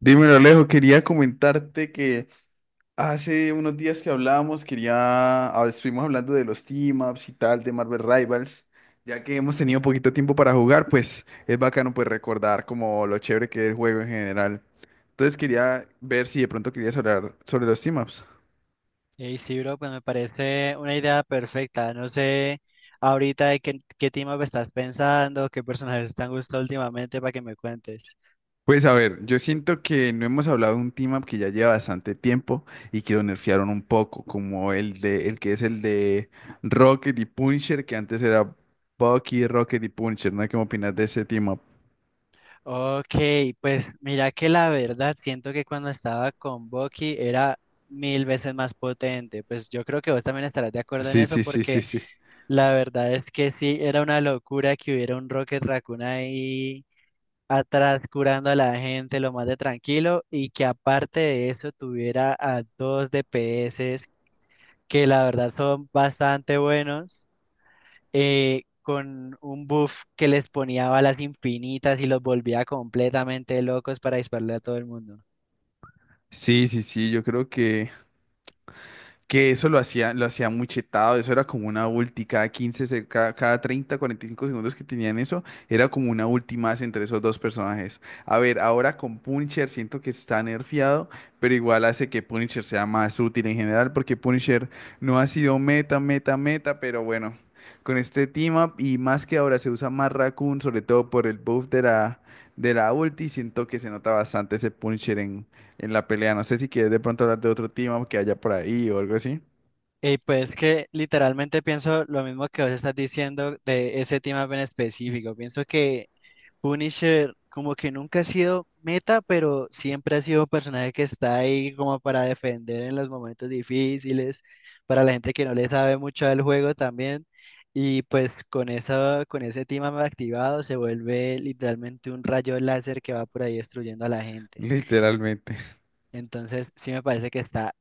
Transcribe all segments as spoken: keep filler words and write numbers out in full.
Dímelo, Alejo, quería comentarte que hace unos días que hablábamos, quería, ah, estuvimos hablando de los team-ups y tal, de Marvel Rivals, ya que hemos tenido poquito tiempo para jugar, pues es bacano pues recordar como lo chévere que es el juego en general. Entonces quería ver si de pronto querías hablar sobre los team-ups. Hey, sí, bro, pues me parece una idea perfecta. No sé ahorita de qué, qué team up estás pensando, qué personajes te han gustado últimamente para que me cuentes. Pues a ver, yo siento que no hemos hablado de un team up que ya lleva bastante tiempo y que lo nerfearon un poco, como el de el que es el de Rocket y Puncher, que antes era Bucky, Rocket y Puncher, ¿no? ¿Qué opinas de ese team up? Ok, pues mira que la verdad siento que cuando estaba con Bucky era mil veces más potente. Pues yo creo que vos también estarás de acuerdo en Sí, eso sí, sí, sí, porque sí. la verdad es que sí, era una locura que hubiera un Rocket Raccoon ahí atrás curando a la gente lo más de tranquilo y que aparte de eso tuviera a dos D P S que la verdad son bastante buenos, eh, con un buff que les ponía balas infinitas y los volvía completamente locos para dispararle a todo el mundo. Sí, sí, sí, yo creo que que eso lo hacía, lo hacía muy chetado, eso era como una ulti, cada quince se- cada, cada treinta, cuarenta y cinco segundos que tenían eso, era como una ulti más entre esos dos personajes. A ver, ahora con Punisher siento que está nerfeado, pero igual hace que Punisher sea más útil en general, porque Punisher no ha sido meta, meta, meta, pero bueno, con este team up y más que ahora se usa más Raccoon, sobre todo por el buff de la, de la ulti, siento que se nota bastante ese Punisher en la pelea. No sé si quieres de pronto hablar de otro tema que haya por ahí o algo así. Y pues que literalmente pienso lo mismo que vos estás diciendo de ese team up en específico. Pienso que Punisher como que nunca ha sido meta, pero siempre ha sido un personaje que está ahí como para defender en los momentos difíciles, para la gente que no le sabe mucho del juego también. Y pues con eso, con ese tema activado se vuelve literalmente un rayo láser que va por ahí destruyendo a la gente. Literalmente. Entonces, sí me parece que está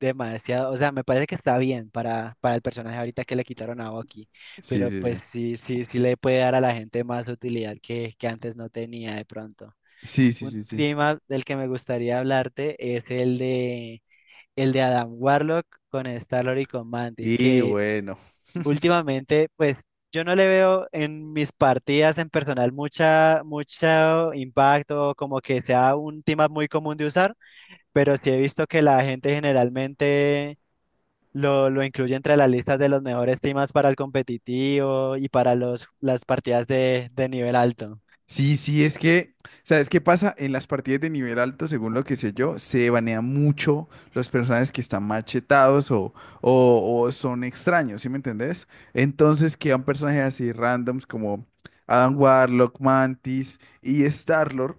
demasiado, o sea, me parece que está bien para, para el personaje ahorita que le quitaron a Bucky, Sí, pero sí, sí. pues sí, sí, sí le puede dar a la gente más utilidad que, que antes no tenía de pronto. Sí, sí, Un sí, sí. tema del que me gustaría hablarte es el de, el de Adam Warlock con Star-Lord y con Mantis, Y que bueno. últimamente, pues, yo no le veo en mis partidas en personal mucha, mucho impacto, como que sea un tema muy común de usar, pero sí he visto que la gente generalmente lo, lo incluye entre las listas de los mejores temas para el competitivo y para los, las partidas de, de nivel alto. Sí, sí, es que, ¿sabes qué pasa? En las partidas de nivel alto, según lo que sé yo, se banean mucho los personajes que están machetados o, o, o son extraños, ¿sí me entendés? Entonces quedan personajes así randoms como Adam Warlock, Mantis y Starlord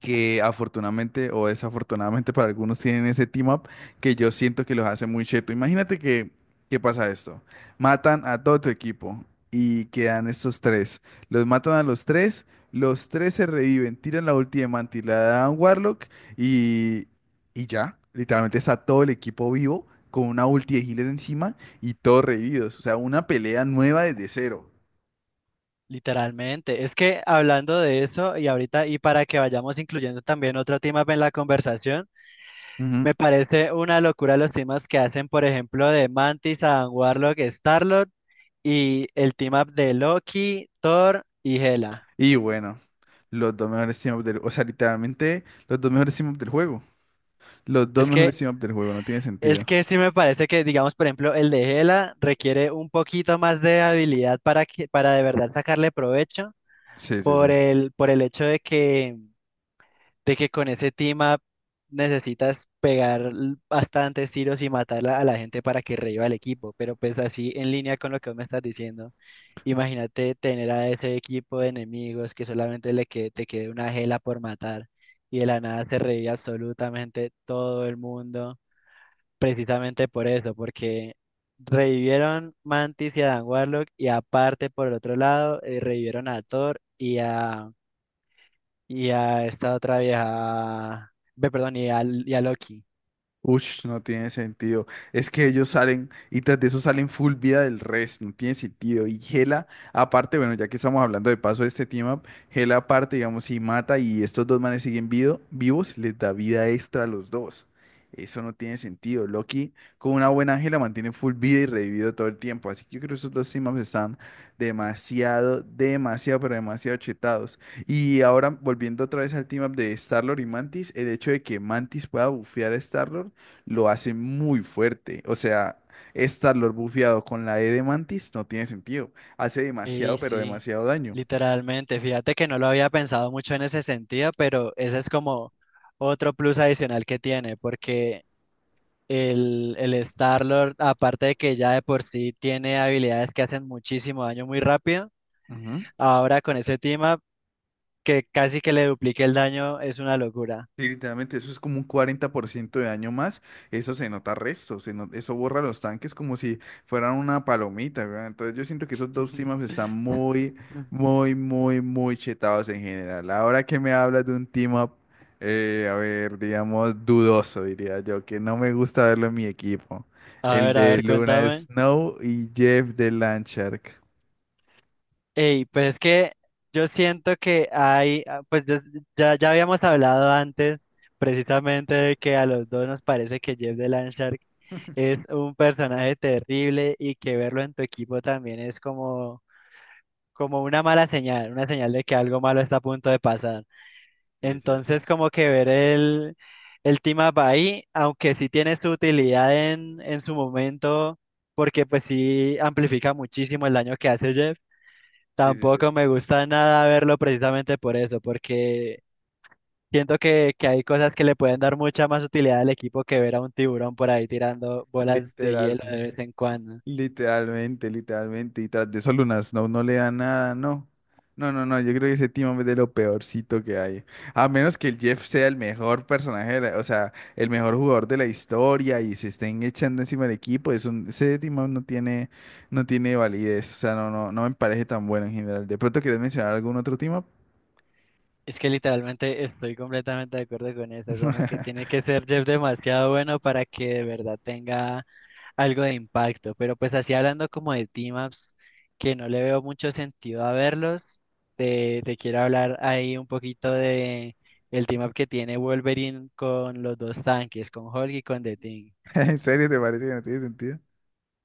que afortunadamente o desafortunadamente para algunos tienen ese team up que yo siento que los hace muy cheto. Imagínate que, ¿qué pasa esto? Matan a todo tu equipo y quedan estos tres. Los matan a los tres, los tres se reviven, tiran la ulti de Mantis, la dan a Warlock y, y ya. Literalmente está todo el equipo vivo con una ulti de healer encima y todos revividos. O sea, una pelea nueva desde cero. Literalmente. Es que hablando de eso y ahorita y para que vayamos incluyendo también otro tema en la conversación, Ujú. me parece una locura los temas que hacen, por ejemplo, de Mantis, Adam Warlock, Starlord y el team up de Loki, Thor y Hela. Y bueno. Los dos mejores team up del... O sea, literalmente, los dos mejores team up del juego. Los dos Es que mejores team up del juego, no tiene Es sentido. que sí me parece que, digamos, por ejemplo, el de Gela requiere un poquito más de habilidad para que, para de verdad sacarle provecho Sí, sí, por sí. el, por el hecho de que, de que con ese team up necesitas pegar l- bastantes tiros y matar la- a la gente para que reviva el equipo. Pero pues así en línea con lo que vos me estás diciendo, imagínate tener a ese equipo de enemigos que solamente le que, te quede una Gela por matar y de la nada se revive absolutamente todo el mundo. Precisamente por eso, porque revivieron Mantis y a Dan Warlock y aparte por el otro lado eh, revivieron a Thor y a, y a esta otra vieja, ve, perdón, y a, y a Loki. Ush, no tiene sentido. Es que ellos salen y tras de eso salen full vida del resto, no tiene sentido. Y Gela, aparte, bueno, ya que estamos hablando de paso de este team up, Gela aparte, digamos, si mata y estos dos manes siguen vido- vivos, les da vida extra a los dos. Eso no tiene sentido. Loki, con una buena Gela, mantiene full vida y revivido todo el tiempo. Así que yo creo que esos dos team ups están demasiado, demasiado, pero demasiado chetados. Y ahora, volviendo otra vez al team up de Star-Lord y Mantis, el hecho de que Mantis pueda bufear a star lo hace muy fuerte. O sea, Star-Lord bufeado con la E de Mantis no tiene sentido. Hace demasiado, Y pero sí, demasiado daño. literalmente, fíjate que no lo había pensado mucho en ese sentido, pero ese es como otro plus adicional que tiene, porque el, el Star-Lord, aparte de que ya de por sí tiene habilidades que hacen muchísimo daño muy rápido, ahora con ese team up que casi que le duplique el daño es una locura. Sí, literalmente eso es como un cuarenta por ciento de daño más. Eso se nota resto, se no- eso borra los tanques como si fueran una palomita, ¿verdad? Entonces yo siento que esos dos teams están muy, muy, muy, muy chetados en general. Ahora que me hablas de un team up, eh, a ver, digamos, dudoso, diría yo, que no me gusta verlo en mi equipo. A El ver, a de ver, Luna cuéntame. Snow y Jeff de Landshark. Ey, pues es que yo siento que hay, ah, pues yo- ya, ya habíamos hablado antes precisamente de que a los dos nos parece que Jeff de Landshark es un personaje terrible y que verlo en tu equipo también es como, como una mala señal, una señal de que algo malo está a punto de pasar. Sí, sí, sí. Entonces, Sí, como que ver el, el team up ahí, aunque sí tiene su utilidad en, en su momento, porque pues sí amplifica muchísimo el daño que hace Jeff, sí, sí. tampoco me gusta nada verlo precisamente por eso, porque siento que, que hay cosas que le pueden dar mucha más utilidad al equipo que ver a un tiburón por ahí tirando bolas de Literal. hielo de vez en cuando. Literalmente, literalmente. Y tras de eso Luna Snow no le da nada, no. No, no, no. Yo creo que ese Timon es de lo peorcito que hay. A menos que el Jeff sea el mejor personaje, de la- o sea, el mejor jugador de la historia y se estén echando encima del equipo. Es un, ese Timon no tiene, no tiene validez. O sea, no, no, no me parece tan bueno en general. ¿De pronto quieres mencionar algún otro Timon? Es que literalmente estoy completamente de acuerdo con eso, como que tiene que ser Jeff demasiado bueno para que de verdad tenga algo de impacto, pero pues así hablando como de team-ups, que no le veo mucho sentido a verlos, te, te quiero hablar ahí un poquito de el team-up que tiene Wolverine con los dos tanques, con Hulk y con The Thing. ¿En serio te parece que no tiene sentido?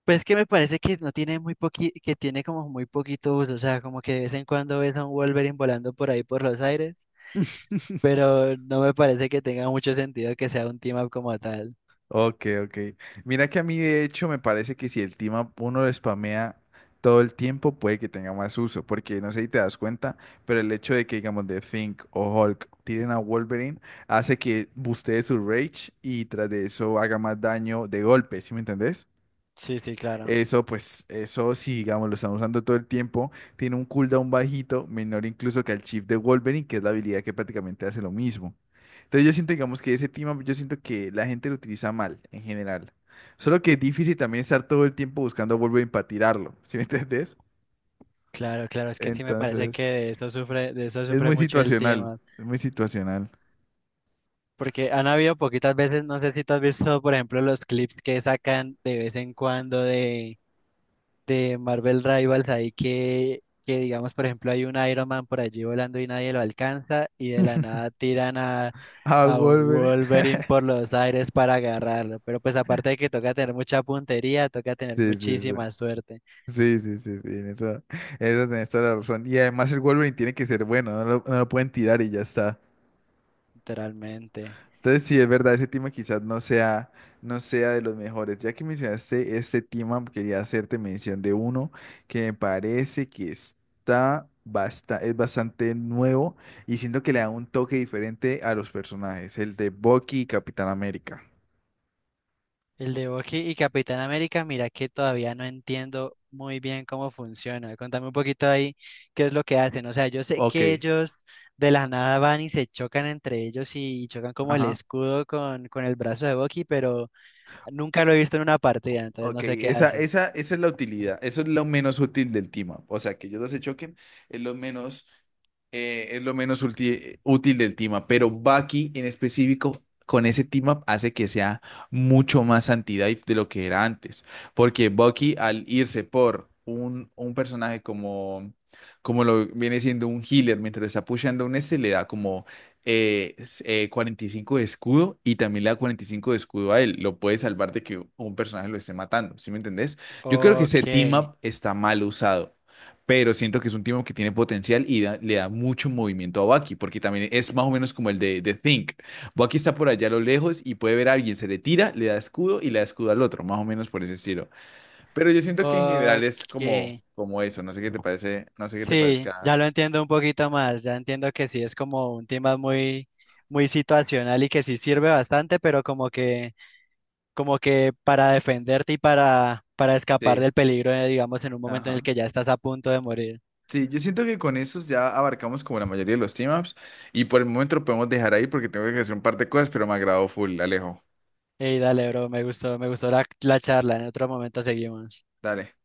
Pues que me parece que no tiene muy poqui, que tiene como muy poquito uso, o sea, como que de vez en cuando ves a un Wolverine volando por ahí por los aires, pero no me parece que tenga mucho sentido que sea un team-up como tal. Ok, ok. Mira que a mí de hecho me parece que si el team up uno lo spamea todo el tiempo puede que tenga más uso, porque no sé si te das cuenta, pero el hecho de que digamos The Think o Hulk tiren a Wolverine hace que bustee su rage y tras de eso haga más daño de golpe, ¿sí me entendés? Sí, sí, claro. Eso, pues, eso sí, digamos, lo estamos usando todo el tiempo. Tiene un cooldown bajito, menor incluso que el Chief de Wolverine, que es la habilidad que prácticamente hace lo mismo. Entonces yo siento, digamos, que ese team, up, yo siento que la gente lo utiliza mal, en general. Solo que es difícil también estar todo el tiempo buscando a Wolverine para tirarlo, ¿sí me entendés? Claro, claro, es que sí me parece que Entonces, de eso sufre, de eso es sufre muy mucho el situacional, team. es muy situacional. Porque han habido poquitas veces, no sé si tú has visto, por ejemplo, los clips que sacan de vez en cuando de, de Marvel Rivals ahí que, que digamos, por ejemplo, hay un Iron Man por allí volando y nadie lo alcanza y de la nada tiran a, A a un Wolverine. Wolverine por los aires para agarrarlo. Pero pues aparte de que toca tener mucha puntería, toca tener Sí, sí, sí. muchísima suerte, Sí, sí, sí, sí, en eso, en eso tenés toda la razón. Y además el Wolverine tiene que ser bueno, no lo, no lo pueden tirar y ya está. literalmente. Entonces, sí, es verdad, ese tema quizás no sea, no sea de los mejores. Ya que mencionaste este tema, quería hacerte mención de uno que me parece que está basta, es bastante nuevo y siento que le da un toque diferente a los personajes, el de Bucky y Capitán América. El de Bucky y Capitán América, mira que todavía no entiendo muy bien cómo funciona. Contame un poquito ahí qué es lo que hacen. O sea, yo sé Ok. que ellos de la nada van y se chocan entre ellos y chocan como el Ajá. escudo con, con el brazo de Bucky, pero nunca lo he visto en una partida, entonces no Ok, sé qué esa, hacen. esa, esa es la utilidad, eso es lo menos útil del team up. O sea, que ellos dos se choquen es lo menos, eh, es lo menos ulti- útil del team up, pero Bucky en específico con ese team up hace que sea mucho más anti-dive de lo que era antes, porque Bucky al irse por un, un personaje como, como lo viene siendo un healer mientras está pusheando un este, le da como eh, s- eh, cuarenta y cinco de escudo y también le da cuarenta y cinco de escudo a él. Lo puede salvar de que un personaje lo esté matando, ¿sí me entendés? Yo creo que Ok, ese team up está mal usado, pero siento que es un team up que tiene potencial y da- le da mucho movimiento a Baki, porque también es más o menos como el de, de Think. Baki está por allá a lo lejos y puede ver a alguien, se le tira, le da escudo y le da escudo al otro, más o menos por ese estilo. Pero yo siento que en general es ok. como, como eso, no sé qué te parece, no sé qué te Sí, parezca. ya lo entiendo un poquito más. Ya entiendo que sí es como un tema muy, muy situacional y que sí sirve bastante, pero como que como que para defenderte y para, para escapar Sí. del peligro, eh, digamos, en un momento en el Ajá. que ya estás a punto de morir. Sí, yo siento que con esos ya abarcamos como la mayoría de los team ups y por el momento lo podemos dejar ahí porque tengo que hacer un par de cosas, pero me agradó full, Alejo. Ey, dale, bro, me gustó, me gustó la, la charla. En otro momento seguimos. Dale.